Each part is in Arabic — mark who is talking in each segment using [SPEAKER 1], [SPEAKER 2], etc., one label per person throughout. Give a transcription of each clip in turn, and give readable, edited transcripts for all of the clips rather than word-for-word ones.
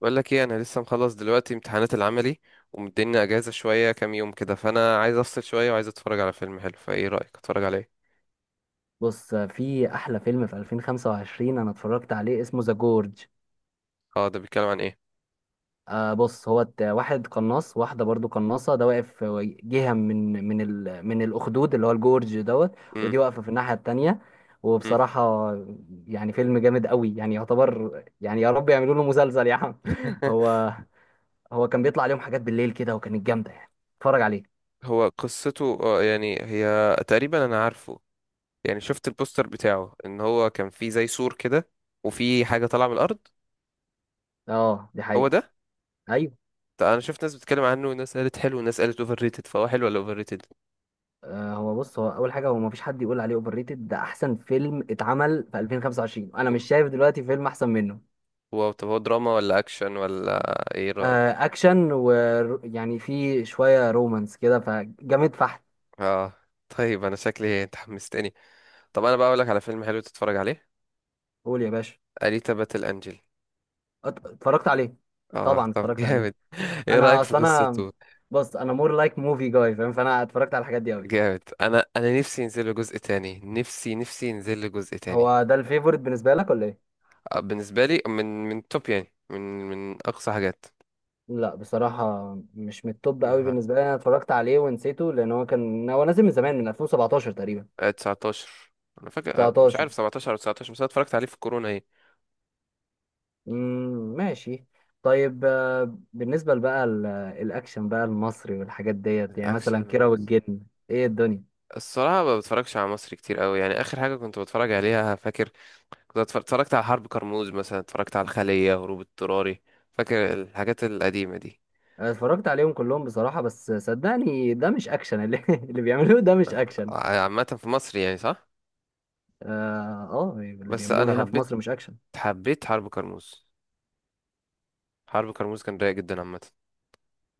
[SPEAKER 1] بقول لك ايه، انا لسه مخلص دلوقتي امتحانات العملي ومديني اجازه شويه كام يوم كده، فانا عايز افصل شويه وعايز اتفرج على فيلم حلو. فايه رايك اتفرج على ايه؟
[SPEAKER 2] بص، في احلى فيلم في 2025 انا اتفرجت عليه، اسمه ذا جورج.
[SPEAKER 1] اه، ده بيتكلم عن ايه؟
[SPEAKER 2] آه، بص هو واحد قناص، واحده برضو قناصه، ده واقف في جهه من الاخدود اللي هو الجورج دوت.
[SPEAKER 1] امم.
[SPEAKER 2] ودي واقفه في الناحيه التانية.
[SPEAKER 1] امم.
[SPEAKER 2] وبصراحه يعني فيلم جامد قوي، يعني يعتبر، يعني يا رب يعملوا له مسلسل يا عم. هو هو كان بيطلع عليهم حاجات بالليل كده وكانت جامده يعني. اتفرج عليه.
[SPEAKER 1] هو قصته يعني هي تقريبا انا عارفه. يعني شفت البوستر بتاعه ان هو كان فيه زي سور كده، وفي حاجه طالعه من الارض.
[SPEAKER 2] اه دي
[SPEAKER 1] هو
[SPEAKER 2] حقيقه.
[SPEAKER 1] ده؟
[SPEAKER 2] أيوه.
[SPEAKER 1] طيب، انا شفت ناس بتتكلم عنه، وناس قالت حلو وناس قالت اوفر ريتد، فهو حلو ولا اوفر ريتد؟
[SPEAKER 2] آه، هو بص، هو اول حاجه، هو ما فيش حد يقول عليه اوفر ريتد، ده احسن فيلم اتعمل في 2025، انا مش شايف دلوقتي فيلم احسن منه.
[SPEAKER 1] هو طب هو دراما ولا اكشن ولا؟ ايه رايك؟
[SPEAKER 2] آه، اكشن، ويعني في شويه رومانس كده فجامد فحت.
[SPEAKER 1] اه. طيب انا شكلي انت حمستني. طب انا بقى اقول لك على فيلم حلو تتفرج عليه.
[SPEAKER 2] قول يا باشا.
[SPEAKER 1] أليتا باتل انجل.
[SPEAKER 2] اتفرجت عليه.
[SPEAKER 1] اه،
[SPEAKER 2] طبعا
[SPEAKER 1] طب
[SPEAKER 2] اتفرجت عليه.
[SPEAKER 1] جامد. ايه
[SPEAKER 2] انا
[SPEAKER 1] رأيك في
[SPEAKER 2] اصلا انا
[SPEAKER 1] قصته؟
[SPEAKER 2] بص، انا مور لايك موفي جاي، فاهم؟ فانا اتفرجت على الحاجات دي قوي.
[SPEAKER 1] جامد. انا نفسي ينزل له جزء تاني، نفسي نفسي ينزل له جزء تاني.
[SPEAKER 2] هو ده الفيفورت بالنسبه لك ولا ايه؟
[SPEAKER 1] بالنسبة لي من من توب، يعني من اقصى حاجات.
[SPEAKER 2] لا بصراحه مش من التوب قوي
[SPEAKER 1] مها-
[SPEAKER 2] بالنسبه لي، انا اتفرجت عليه ونسيته، لان هو كان نازل من زمان، من 2017 تقريبا.
[SPEAKER 1] 19. انا فاكر، مش
[SPEAKER 2] 19.
[SPEAKER 1] عارف 17 او 19، بس انا اتفرجت عليه في الكورونا. ايه؟
[SPEAKER 2] مم، ماشي. طيب، آه، بالنسبة بقى، الأكشن بقى المصري والحاجات ديت، يعني مثلا كيرة
[SPEAKER 1] الاكشن.
[SPEAKER 2] والجن. إيه الدنيا؟
[SPEAKER 1] الصراحة ما بتفرجش على مصري كتير قوي، يعني آخر حاجة كنت بتفرج عليها فاكر. اتفرجت على حرب كرموز، مثلا اتفرجت على الخلية، هروب اضطراري. فاكر الحاجات القديمة دي؟
[SPEAKER 2] أنا اتفرجت عليهم كلهم بصراحة، بس صدقني ده مش اللي بيعملوه ده مش أكشن.
[SPEAKER 1] عامة في مصر، يعني صح.
[SPEAKER 2] آه. آه اللي
[SPEAKER 1] بس
[SPEAKER 2] بيعملوه
[SPEAKER 1] انا
[SPEAKER 2] هنا في
[SPEAKER 1] حبيت
[SPEAKER 2] مصر مش أكشن.
[SPEAKER 1] حبيت حرب كرموز. حرب كرموز كان رايق جدا عامة.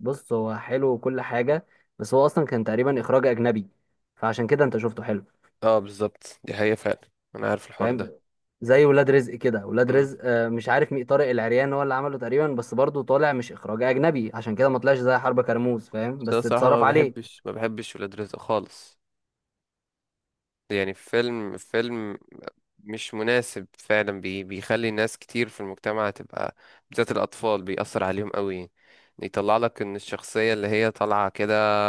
[SPEAKER 2] بص هو حلو وكل حاجة، بس هو أصلا كان تقريبا إخراج أجنبي، فعشان كده أنت شفته حلو.
[SPEAKER 1] اه، بالظبط دي حقيقة فعلا. انا عارف الحوار
[SPEAKER 2] فاهم؟
[SPEAKER 1] ده.
[SPEAKER 2] زي ولاد رزق كده. ولاد
[SPEAKER 1] امم.
[SPEAKER 2] رزق، آه، مش عارف مين، طارق العريان هو اللي عمله تقريبا، بس برضه طالع مش اخراج اجنبي، عشان كده ما طلعش زي حرب كرموز، فاهم؟
[SPEAKER 1] بس انا
[SPEAKER 2] بس
[SPEAKER 1] الصراحة
[SPEAKER 2] اتصرف
[SPEAKER 1] ما
[SPEAKER 2] عليه.
[SPEAKER 1] بحبش ما بحبش ولاد رزق خالص. يعني فيلم مش مناسب فعلا، بيخلي ناس كتير في المجتمع تبقى، بالذات الأطفال بيأثر عليهم قوي. يطلع لك ان الشخصية اللي هي طالعة كده،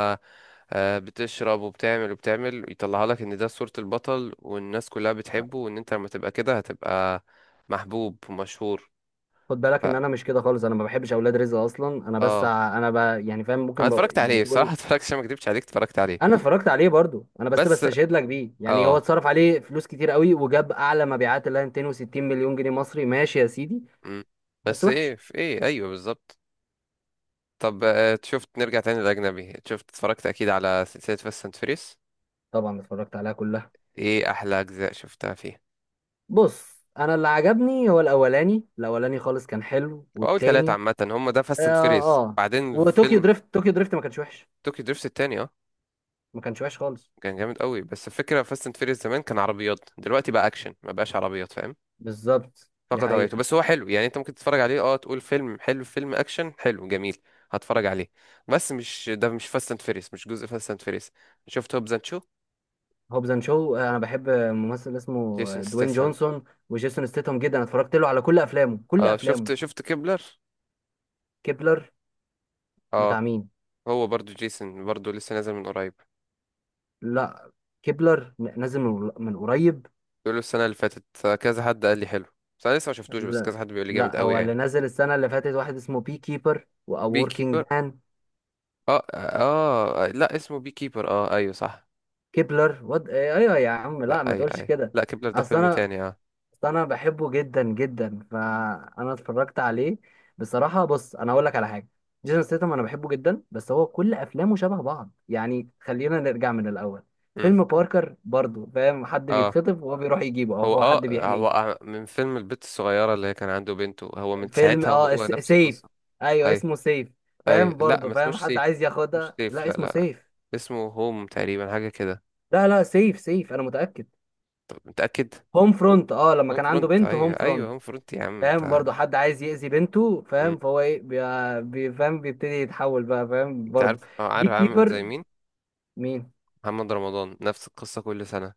[SPEAKER 1] بتشرب وبتعمل وبتعمل، يطلعها لك ان ده صورة البطل والناس كلها بتحبه، وان انت لما تبقى كده هتبقى محبوب ومشهور.
[SPEAKER 2] خد بالك
[SPEAKER 1] ف...
[SPEAKER 2] ان انا مش كده خالص، انا ما بحبش اولاد رزق اصلا، انا بس
[SPEAKER 1] اه.
[SPEAKER 2] انا يعني فاهم،
[SPEAKER 1] انا
[SPEAKER 2] ممكن
[SPEAKER 1] اتفرجت
[SPEAKER 2] يعني
[SPEAKER 1] عليه بصراحة.
[SPEAKER 2] تقول.
[SPEAKER 1] اتفرجت عشان ما اكدبش عليك، اتفرجت عليه.
[SPEAKER 2] انا اتفرجت عليه برضه، انا بس
[SPEAKER 1] بس.
[SPEAKER 2] بستشهد لك بيه، يعني هو
[SPEAKER 1] اه.
[SPEAKER 2] اتصرف عليه فلوس كتير قوي وجاب اعلى مبيعات اللي هي 260 مليون جنيه مصري، ماشي يا سيدي.
[SPEAKER 1] مم.
[SPEAKER 2] بس
[SPEAKER 1] بس ايه
[SPEAKER 2] وحش.
[SPEAKER 1] في ايه، ايوه بالظبط. طب، شفت، نرجع تاني للاجنبي. شفت اتفرجت اكيد على سلسلة فاست اند فيريس؟
[SPEAKER 2] طبعا اتفرجت عليها كلها.
[SPEAKER 1] ايه احلى اجزاء شفتها فيه؟
[SPEAKER 2] بص، انا اللي عجبني هو الاولاني، الاولاني خالص كان حلو،
[SPEAKER 1] واول 3
[SPEAKER 2] والتاني.
[SPEAKER 1] عامة هم، ده فاست اند
[SPEAKER 2] اه.
[SPEAKER 1] فيريس
[SPEAKER 2] آه.
[SPEAKER 1] بعدين
[SPEAKER 2] وطوكيو
[SPEAKER 1] فيلم.
[SPEAKER 2] دريفت، طوكيو دريفت ما كانش وحش.
[SPEAKER 1] توكي دريفت التاني اه.
[SPEAKER 2] ما كانش وحش خالص.
[SPEAKER 1] كان جامد قوي. بس الفكره، فاست اند فيريس زمان كان عربيات، دلوقتي بقى اكشن ما بقاش عربيات، فاهم؟
[SPEAKER 2] بالظبط، دي
[SPEAKER 1] فقد هويته.
[SPEAKER 2] حقيقة.
[SPEAKER 1] بس هو حلو يعني، انت ممكن تتفرج عليه، اه، تقول فيلم حلو، فيلم اكشن حلو جميل. هتفرج عليه. بس مش، ده مش فاست اند فيريس، مش جزء فاست اند فيريس. شفت هوبز اند شو؟
[SPEAKER 2] هوبز اند شو، انا بحب ممثل اسمه
[SPEAKER 1] جيسون
[SPEAKER 2] دوين
[SPEAKER 1] ستاثام.
[SPEAKER 2] جونسون وجيسون ستيتهم جدا، أنا اتفرجت له على كل افلامه، كل
[SPEAKER 1] اه،
[SPEAKER 2] افلامه.
[SPEAKER 1] شفت كيبلر؟
[SPEAKER 2] كيبلر، بتاع
[SPEAKER 1] اه.
[SPEAKER 2] مين؟
[SPEAKER 1] هو برضو جيسون، برضو لسه نازل من قريب.
[SPEAKER 2] لا، كيبلر نازل من قريب.
[SPEAKER 1] بيقولوا السنه اللي فاتت. كذا حد قال لي حلو. بس انا لسه ما شفتوش، بس كذا
[SPEAKER 2] لا،
[SPEAKER 1] حد بيقول لي جامد
[SPEAKER 2] لا،
[SPEAKER 1] قوي
[SPEAKER 2] هو اللي
[SPEAKER 1] يعني.
[SPEAKER 2] نازل السنة اللي فاتت واحد اسمه بي كيبر او
[SPEAKER 1] بي
[SPEAKER 2] وركينج
[SPEAKER 1] كيبر.
[SPEAKER 2] مان.
[SPEAKER 1] اه، اه، لا، اسمه بي كيبر، اه ايوه صح.
[SPEAKER 2] كيبلر وات؟ ايوه يا عم،
[SPEAKER 1] لا،
[SPEAKER 2] لا ما
[SPEAKER 1] اي،
[SPEAKER 2] تقولش
[SPEAKER 1] اي،
[SPEAKER 2] كده.
[SPEAKER 1] لا كيبلر ده
[SPEAKER 2] اصل
[SPEAKER 1] فيلم
[SPEAKER 2] انا،
[SPEAKER 1] تاني. اه.
[SPEAKER 2] بس انا بحبه جدا جدا، فانا اتفرجت عليه بصراحه. بص، انا اقول لك على حاجه. جيسون ستاثام انا بحبه جدا، بس هو كل افلامه شبه بعض، يعني خلينا نرجع من الاول.
[SPEAKER 1] امم.
[SPEAKER 2] فيلم باركر برضو، فاهم؟ حد
[SPEAKER 1] اه،
[SPEAKER 2] بيتخطف وهو بيروح يجيبه، او
[SPEAKER 1] هو
[SPEAKER 2] هو
[SPEAKER 1] اه
[SPEAKER 2] حد
[SPEAKER 1] هو
[SPEAKER 2] بيحميه.
[SPEAKER 1] آه، من فيلم البت الصغيرة اللي هي كان عنده بنته، هو من
[SPEAKER 2] فيلم
[SPEAKER 1] ساعتها
[SPEAKER 2] اه،
[SPEAKER 1] وهو نفس
[SPEAKER 2] سيف.
[SPEAKER 1] القصة.
[SPEAKER 2] ايوه
[SPEAKER 1] اي،
[SPEAKER 2] اسمه سيف.
[SPEAKER 1] اي،
[SPEAKER 2] فاهم؟
[SPEAKER 1] لا ما
[SPEAKER 2] برضو فاهم،
[SPEAKER 1] اسموش
[SPEAKER 2] حد
[SPEAKER 1] سيف،
[SPEAKER 2] عايز
[SPEAKER 1] مش
[SPEAKER 2] ياخدها.
[SPEAKER 1] سيف،
[SPEAKER 2] لا
[SPEAKER 1] لا، لا،
[SPEAKER 2] اسمه
[SPEAKER 1] لا.
[SPEAKER 2] سيف.
[SPEAKER 1] اسمه هوم تقريبا، حاجة كده.
[SPEAKER 2] لا لا سيف، سيف انا متاكد.
[SPEAKER 1] طب متأكد؟
[SPEAKER 2] هوم فرونت، اه لما
[SPEAKER 1] هوم
[SPEAKER 2] كان عنده
[SPEAKER 1] فرونت،
[SPEAKER 2] بنت، هوم
[SPEAKER 1] ايوه ايوه،
[SPEAKER 2] فرونت.
[SPEAKER 1] هوم فرونت يا عم
[SPEAKER 2] فاهم؟
[SPEAKER 1] انت.
[SPEAKER 2] برضه حد عايز يأذي بنته،
[SPEAKER 1] مم.
[SPEAKER 2] فاهم؟ فهو ايه، فاهم بيبتدي يتحول بقى، فاهم
[SPEAKER 1] انت
[SPEAKER 2] برضه.
[SPEAKER 1] عارف
[SPEAKER 2] بي
[SPEAKER 1] عامل زي
[SPEAKER 2] كيبر.
[SPEAKER 1] مين؟
[SPEAKER 2] مين؟
[SPEAKER 1] محمد رمضان، نفس القصة كل سنة.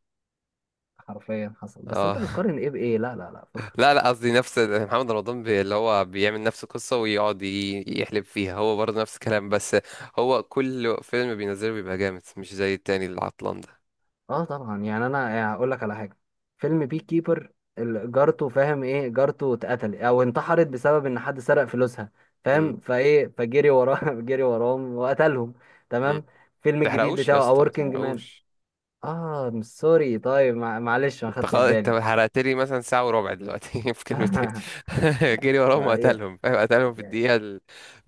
[SPEAKER 2] حرفيا حصل، بس انت
[SPEAKER 1] اه.
[SPEAKER 2] بتقارن ايه بايه؟ لا لا لا فكر.
[SPEAKER 1] لا، لا، قصدي نفس محمد رمضان، اللي هو بيعمل نفس القصة ويقعد يحلب فيها، هو برضه نفس الكلام بس. هو كل فيلم بينزله بيبقى جامد، مش زي التاني العطلان ده.
[SPEAKER 2] اه طبعا، يعني انا يعني هقول لك على حاجه. فيلم بي كيبر، جارته، فاهم ايه، جارته اتقتل او انتحرت بسبب ان حد سرق فلوسها.
[SPEAKER 1] مم.
[SPEAKER 2] فاهم؟ فايه، فجري وراه. جري وراهم وقتلهم.
[SPEAKER 1] مم.
[SPEAKER 2] تمام. الفيلم الجديد
[SPEAKER 1] تحرقوش يا
[SPEAKER 2] بتاعه
[SPEAKER 1] اسطى،
[SPEAKER 2] A
[SPEAKER 1] ما
[SPEAKER 2] Working Man.
[SPEAKER 1] تحرقوش!
[SPEAKER 2] اه سوري، طيب، معلش ما
[SPEAKER 1] انت
[SPEAKER 2] خدتش
[SPEAKER 1] خلاص، انت
[SPEAKER 2] بالي.
[SPEAKER 1] حرقت لي مثلا ساعة وربع دلوقتي في كلمتين. جري وراهم وقتلهم، فاهم؟ قتلهم في
[SPEAKER 2] يعني.
[SPEAKER 1] الدقيقة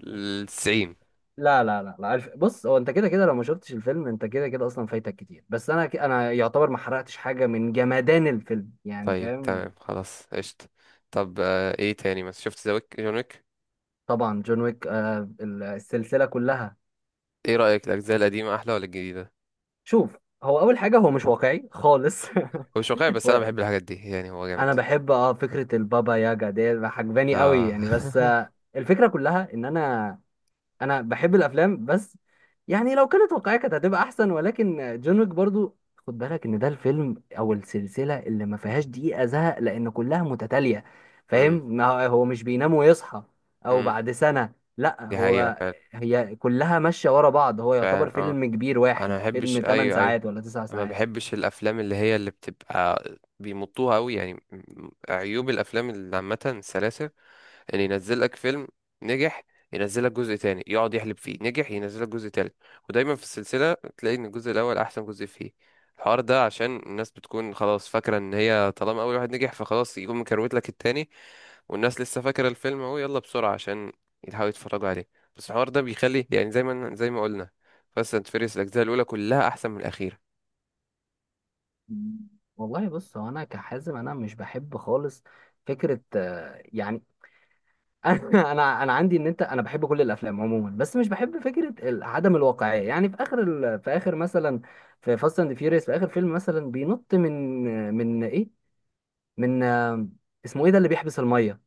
[SPEAKER 1] الـ90.
[SPEAKER 2] لا لا لا لا عارف، بص، هو انت كده كده لو ما شفتش الفيلم انت كده كده اصلا فايتك كتير، بس انا انا يعتبر ما حرقتش حاجه من جمدان الفيلم، يعني
[SPEAKER 1] طيب
[SPEAKER 2] فاهم.
[SPEAKER 1] تمام، خلاص قشطة. طب، ايه تاني مثلا؟ شفت ذا ويك؟ جون ويك؟
[SPEAKER 2] طبعا جون ويك، آه، السلسله كلها.
[SPEAKER 1] ايه رأيك الأجزاء القديمة أحلى ولا الجديدة؟
[SPEAKER 2] شوف، هو اول حاجه هو مش واقعي خالص.
[SPEAKER 1] هو مش واقعي بس انا
[SPEAKER 2] هو
[SPEAKER 1] بحب الحاجات دي يعني، هو جامد.
[SPEAKER 2] انا بحب اه فكره البابا ياجا دي، عجباني قوي
[SPEAKER 1] اه.
[SPEAKER 2] يعني، بس آه الفكره كلها ان انا، انا بحب الافلام بس. يعني لو كانت واقعيه كانت هتبقى احسن، ولكن جون ويك برضو، خد بالك ان ده الفيلم او السلسله اللي ما فيهاش دقيقه زهق، لان كلها متتاليه. فاهم،
[SPEAKER 1] مم.
[SPEAKER 2] ما هو هو مش بينام ويصحى او
[SPEAKER 1] مم.
[SPEAKER 2] بعد سنه، لا
[SPEAKER 1] دي حقيقة
[SPEAKER 2] هو،
[SPEAKER 1] فعلا.
[SPEAKER 2] هي كلها ماشيه ورا بعض، هو
[SPEAKER 1] فعلا
[SPEAKER 2] يعتبر
[SPEAKER 1] اه.
[SPEAKER 2] فيلم كبير
[SPEAKER 1] انا ما
[SPEAKER 2] واحد،
[SPEAKER 1] بحبش،
[SPEAKER 2] فيلم 8
[SPEAKER 1] ايوه ايوه.
[SPEAKER 2] ساعات ولا 9
[SPEAKER 1] ما
[SPEAKER 2] ساعات.
[SPEAKER 1] بحبش الافلام اللي هي اللي بتبقى بيمطوها قوي يعني، عيوب الافلام اللي عامة السلاسل. يعني ينزل لك فيلم، نجح، ينزل لك جزء تاني يقعد يحلب فيه، نجح، ينزل لك جزء تالت. ودايما في السلسلة تلاقي ان الجزء الاول احسن جزء فيه. الحوار ده عشان الناس بتكون خلاص فاكرة ان هي طالما اول واحد نجح، فخلاص يقوم مكروت لك التاني. والناس لسه فاكرة الفيلم اهو، يلا بسرعة عشان يحاولوا يتفرجوا عليه. بس الحوار ده بيخلي يعني، زي ما قلنا. فاست اند فيريس الاجزاء الاولى كلها احسن من الاخيرة.
[SPEAKER 2] والله بص، هو انا كحازم، انا مش بحب خالص فكره، آه، يعني، انا عندي ان انت، انا بحب كل الافلام عموما، بس مش بحب فكره عدم الواقعيه، يعني في اخر في اخر مثلا في فاست اند فيوريوس في اخر فيلم مثلا بينط من، من ايه، من آه، اسمه ايه ده اللي بيحبس الميه؟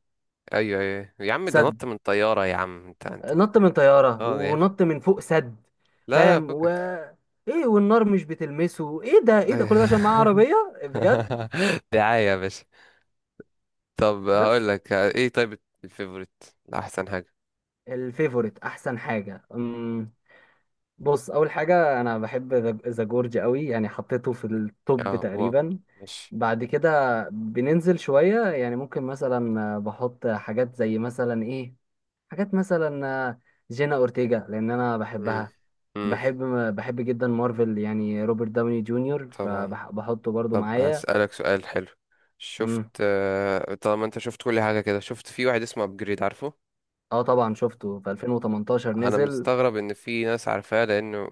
[SPEAKER 1] ايوه، ايوه يا عم، ده
[SPEAKER 2] سد.
[SPEAKER 1] نط من طيارة يا عم، انت.
[SPEAKER 2] نط من طياره
[SPEAKER 1] اه يا عم.
[SPEAKER 2] ونط من فوق سد،
[SPEAKER 1] لا، لا،
[SPEAKER 2] فاهم؟ و،
[SPEAKER 1] فكك.
[SPEAKER 2] ايه، والنار مش بتلمسه، ايه ده؟ ايه ده كل ده عشان معاه
[SPEAKER 1] ايوه.
[SPEAKER 2] عربيه؟ بجد.
[SPEAKER 1] دعاية يا باشا. طب هقول
[SPEAKER 2] بس
[SPEAKER 1] لك ايه، طيب الفيفوريت؟ احسن حاجة؟
[SPEAKER 2] الفيفوريت، احسن حاجه، بص، اول حاجه انا بحب ذا جورج قوي، يعني حطيته في
[SPEAKER 1] اه،
[SPEAKER 2] التوب
[SPEAKER 1] واو.
[SPEAKER 2] تقريبا.
[SPEAKER 1] ماشي.
[SPEAKER 2] بعد كده بننزل شويه، يعني ممكن مثلا آه، بحط حاجات زي مثلا ايه، حاجات مثلا آه، جينا اورتيجا لان انا
[SPEAKER 1] مم.
[SPEAKER 2] بحبها.
[SPEAKER 1] مم.
[SPEAKER 2] بحب، بحب جدا مارفل، يعني روبرت داوني جونيور
[SPEAKER 1] طبعا.
[SPEAKER 2] فبحطه برضو
[SPEAKER 1] طب
[SPEAKER 2] معايا.
[SPEAKER 1] هسألك سؤال حلو. شفت
[SPEAKER 2] مم.
[SPEAKER 1] آه، طالما انت شفت كل حاجة كده، شفت في واحد اسمه ابجريد؟ عارفه؟
[SPEAKER 2] اه طبعا شفته في 2018
[SPEAKER 1] انا
[SPEAKER 2] نزل.
[SPEAKER 1] مستغرب ان في ناس عارفاه لانه،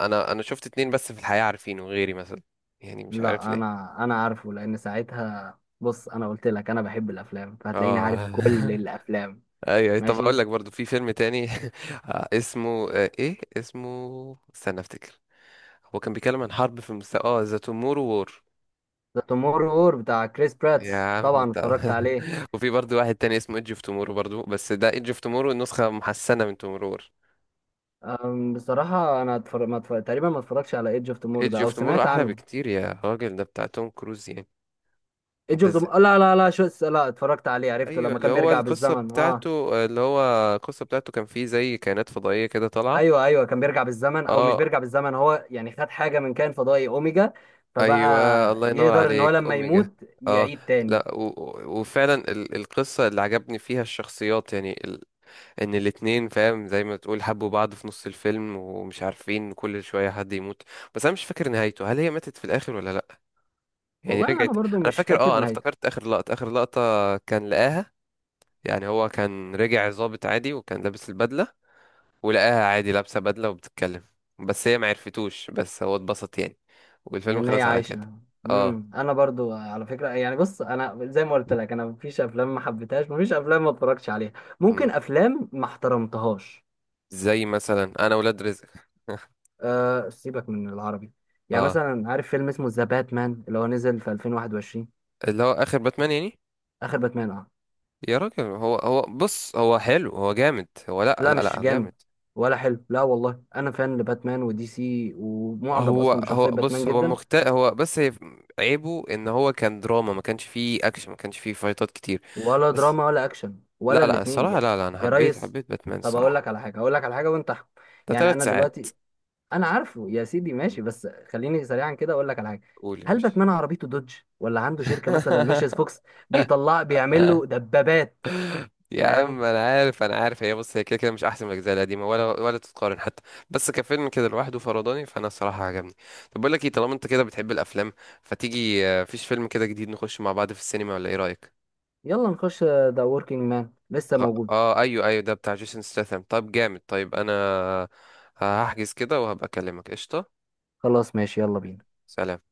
[SPEAKER 1] انا شفت 2 بس في الحياة عارفينه غيري مثلا. يعني مش عارف
[SPEAKER 2] لا
[SPEAKER 1] ليه.
[SPEAKER 2] انا، انا عارفه لان ساعتها، بص، انا قلت لك انا بحب الافلام فهتلاقيني عارف
[SPEAKER 1] اه.
[SPEAKER 2] كل الافلام.
[SPEAKER 1] ايوه، طب
[SPEAKER 2] ماشي.
[SPEAKER 1] هقول لك برضو في فيلم تاني. اسمه ايه اسمه؟ استنى افتكر. هو كان بيتكلم عن حرب في مست... اه ذا تومورو وور.
[SPEAKER 2] ذا توموررو وور بتاع كريس
[SPEAKER 1] يا
[SPEAKER 2] براتس،
[SPEAKER 1] عم
[SPEAKER 2] طبعا
[SPEAKER 1] انت.
[SPEAKER 2] اتفرجت عليه.
[SPEAKER 1] وفي برضو واحد تاني اسمه ايدج اوف تومورو برضو، بس ده ايدج اوف تومورو نسخة محسنة من تومورو وور.
[SPEAKER 2] بصراحة أنا اتفرج... ما اتفرج... تقريبا ما اتفرجش على ايدج اوف توموررو
[SPEAKER 1] ايدج
[SPEAKER 2] ده، أو
[SPEAKER 1] اوف تومورو
[SPEAKER 2] سمعت
[SPEAKER 1] احلى
[SPEAKER 2] عنه.
[SPEAKER 1] بكتير يا راجل، ده بتاع توم كروز يعني.
[SPEAKER 2] ايدج
[SPEAKER 1] انت
[SPEAKER 2] اوف
[SPEAKER 1] ازاي؟
[SPEAKER 2] توموررو، لا لا لا شو، لا اتفرجت عليه، عرفته
[SPEAKER 1] ايوه،
[SPEAKER 2] لما
[SPEAKER 1] اللي
[SPEAKER 2] كان
[SPEAKER 1] هو
[SPEAKER 2] بيرجع
[SPEAKER 1] القصة
[SPEAKER 2] بالزمن اه.
[SPEAKER 1] بتاعته، اللي هو. القصة بتاعته كان فيه زي كائنات فضائية كده طالعة.
[SPEAKER 2] أيوه أيوه كان بيرجع بالزمن أو مش
[SPEAKER 1] اه.
[SPEAKER 2] بيرجع بالزمن، هو يعني خد حاجة من كائن فضائي أوميجا، فبقى
[SPEAKER 1] ايوه الله ينور
[SPEAKER 2] يقدر إن هو
[SPEAKER 1] عليك.
[SPEAKER 2] لما
[SPEAKER 1] اوميجا.
[SPEAKER 2] يموت
[SPEAKER 1] اه.
[SPEAKER 2] يعيد تاني.
[SPEAKER 1] لا. وفعلا القصة اللي عجبني فيها الشخصيات يعني. ان الاتنين، فاهم، زي ما تقول حبوا بعض في نص الفيلم، ومش عارفين كل شوية حد يموت. بس انا مش فاكر نهايته، هل هي ماتت في الاخر ولا لا؟ يعني
[SPEAKER 2] والله أنا
[SPEAKER 1] رجعت؟
[SPEAKER 2] برضو
[SPEAKER 1] انا
[SPEAKER 2] مش
[SPEAKER 1] فاكر،
[SPEAKER 2] فاكر
[SPEAKER 1] اه، انا
[SPEAKER 2] نهايته.
[SPEAKER 1] افتكرت اخر لقطة، اخر لقطة. كان لقاها. يعني هو كان رجع ظابط عادي وكان لابس البدلة. ولقاها عادي لابسة بدلة وبتتكلم. بس هي ما عرفتوش، بس هو اتبسط يعني. والفيلم
[SPEAKER 2] لان هي
[SPEAKER 1] خلص على كده.
[SPEAKER 2] عايشه.
[SPEAKER 1] اه.
[SPEAKER 2] امم، انا برضو على فكره يعني، بص انا زي ما قلت لك انا مفيش افلام ما حبيتهاش، مفيش افلام ما اتفرجتش عليها،
[SPEAKER 1] مم.
[SPEAKER 2] ممكن افلام ما احترمتهاش.
[SPEAKER 1] زي مثلا انا، ولاد رزق.
[SPEAKER 2] أه سيبك من العربي. يعني
[SPEAKER 1] اه،
[SPEAKER 2] مثلا عارف فيلم اسمه ذا باتمان اللي هو نزل في 2021،
[SPEAKER 1] اللي هو اخر باتمان يعني.
[SPEAKER 2] اخر باتمان، اه.
[SPEAKER 1] يا راجل، هو بص هو حلو، هو جامد هو، لا،
[SPEAKER 2] لا
[SPEAKER 1] لا، لا،
[SPEAKER 2] مش
[SPEAKER 1] هو جامد.
[SPEAKER 2] جامد ولا حلو، لا والله انا فان لباتمان ودي سي، ومعجب
[SPEAKER 1] هو
[SPEAKER 2] اصلا
[SPEAKER 1] هو
[SPEAKER 2] بشخصيه باتمان
[SPEAKER 1] بص هو
[SPEAKER 2] جدا.
[SPEAKER 1] مخت هو بس هي. عيبه ان هو كان دراما، ما كانش فيه اكشن ما كانش فيه فايتات كتير.
[SPEAKER 2] ولا
[SPEAKER 1] بس.
[SPEAKER 2] دراما ولا اكشن ولا
[SPEAKER 1] لا، لا،
[SPEAKER 2] الاتنين
[SPEAKER 1] الصراحة،
[SPEAKER 2] يا،
[SPEAKER 1] لا، لا، انا
[SPEAKER 2] يا
[SPEAKER 1] حبيت
[SPEAKER 2] ريس.
[SPEAKER 1] حبيت باتمان
[SPEAKER 2] طب اقول
[SPEAKER 1] الصراحة.
[SPEAKER 2] لك على حاجه، اقول لك على حاجه وانت احكم.
[SPEAKER 1] ده
[SPEAKER 2] يعني
[SPEAKER 1] ثلاث
[SPEAKER 2] انا
[SPEAKER 1] ساعات
[SPEAKER 2] دلوقتي، انا عارفه يا سيدي ماشي، بس خليني سريعا كده اقول لك على حاجه.
[SPEAKER 1] قول يا
[SPEAKER 2] هل
[SPEAKER 1] باشا.
[SPEAKER 2] باتمان عربيته دوج ولا عنده شركه مثلا لوشيس فوكس بيطلع بيعمل له دبابات؟
[SPEAKER 1] يا
[SPEAKER 2] فاهم؟
[SPEAKER 1] عم انا عارف هي بص، هي كده كده مش احسن من الاجزاء القديمه، ولا تتقارن حتى. بس كفيلم كده لوحده فرضاني، فانا الصراحه عجبني. طب بقول لك ايه، طالما انت كده بتحب الافلام، فتيجي فيش فيلم كده جديد نخش مع بعض في السينما ولا؟ ايه رايك؟
[SPEAKER 2] يلا نخش ذا وركينج مان لسه
[SPEAKER 1] خ-
[SPEAKER 2] موجود.
[SPEAKER 1] اه، ايوه، ايوه، ده بتاع جيسون ستاثام. طب جامد، طيب انا هحجز كده وهبقى اكلمك، قشطه.
[SPEAKER 2] خلاص ماشي، يلا بينا.
[SPEAKER 1] سلام.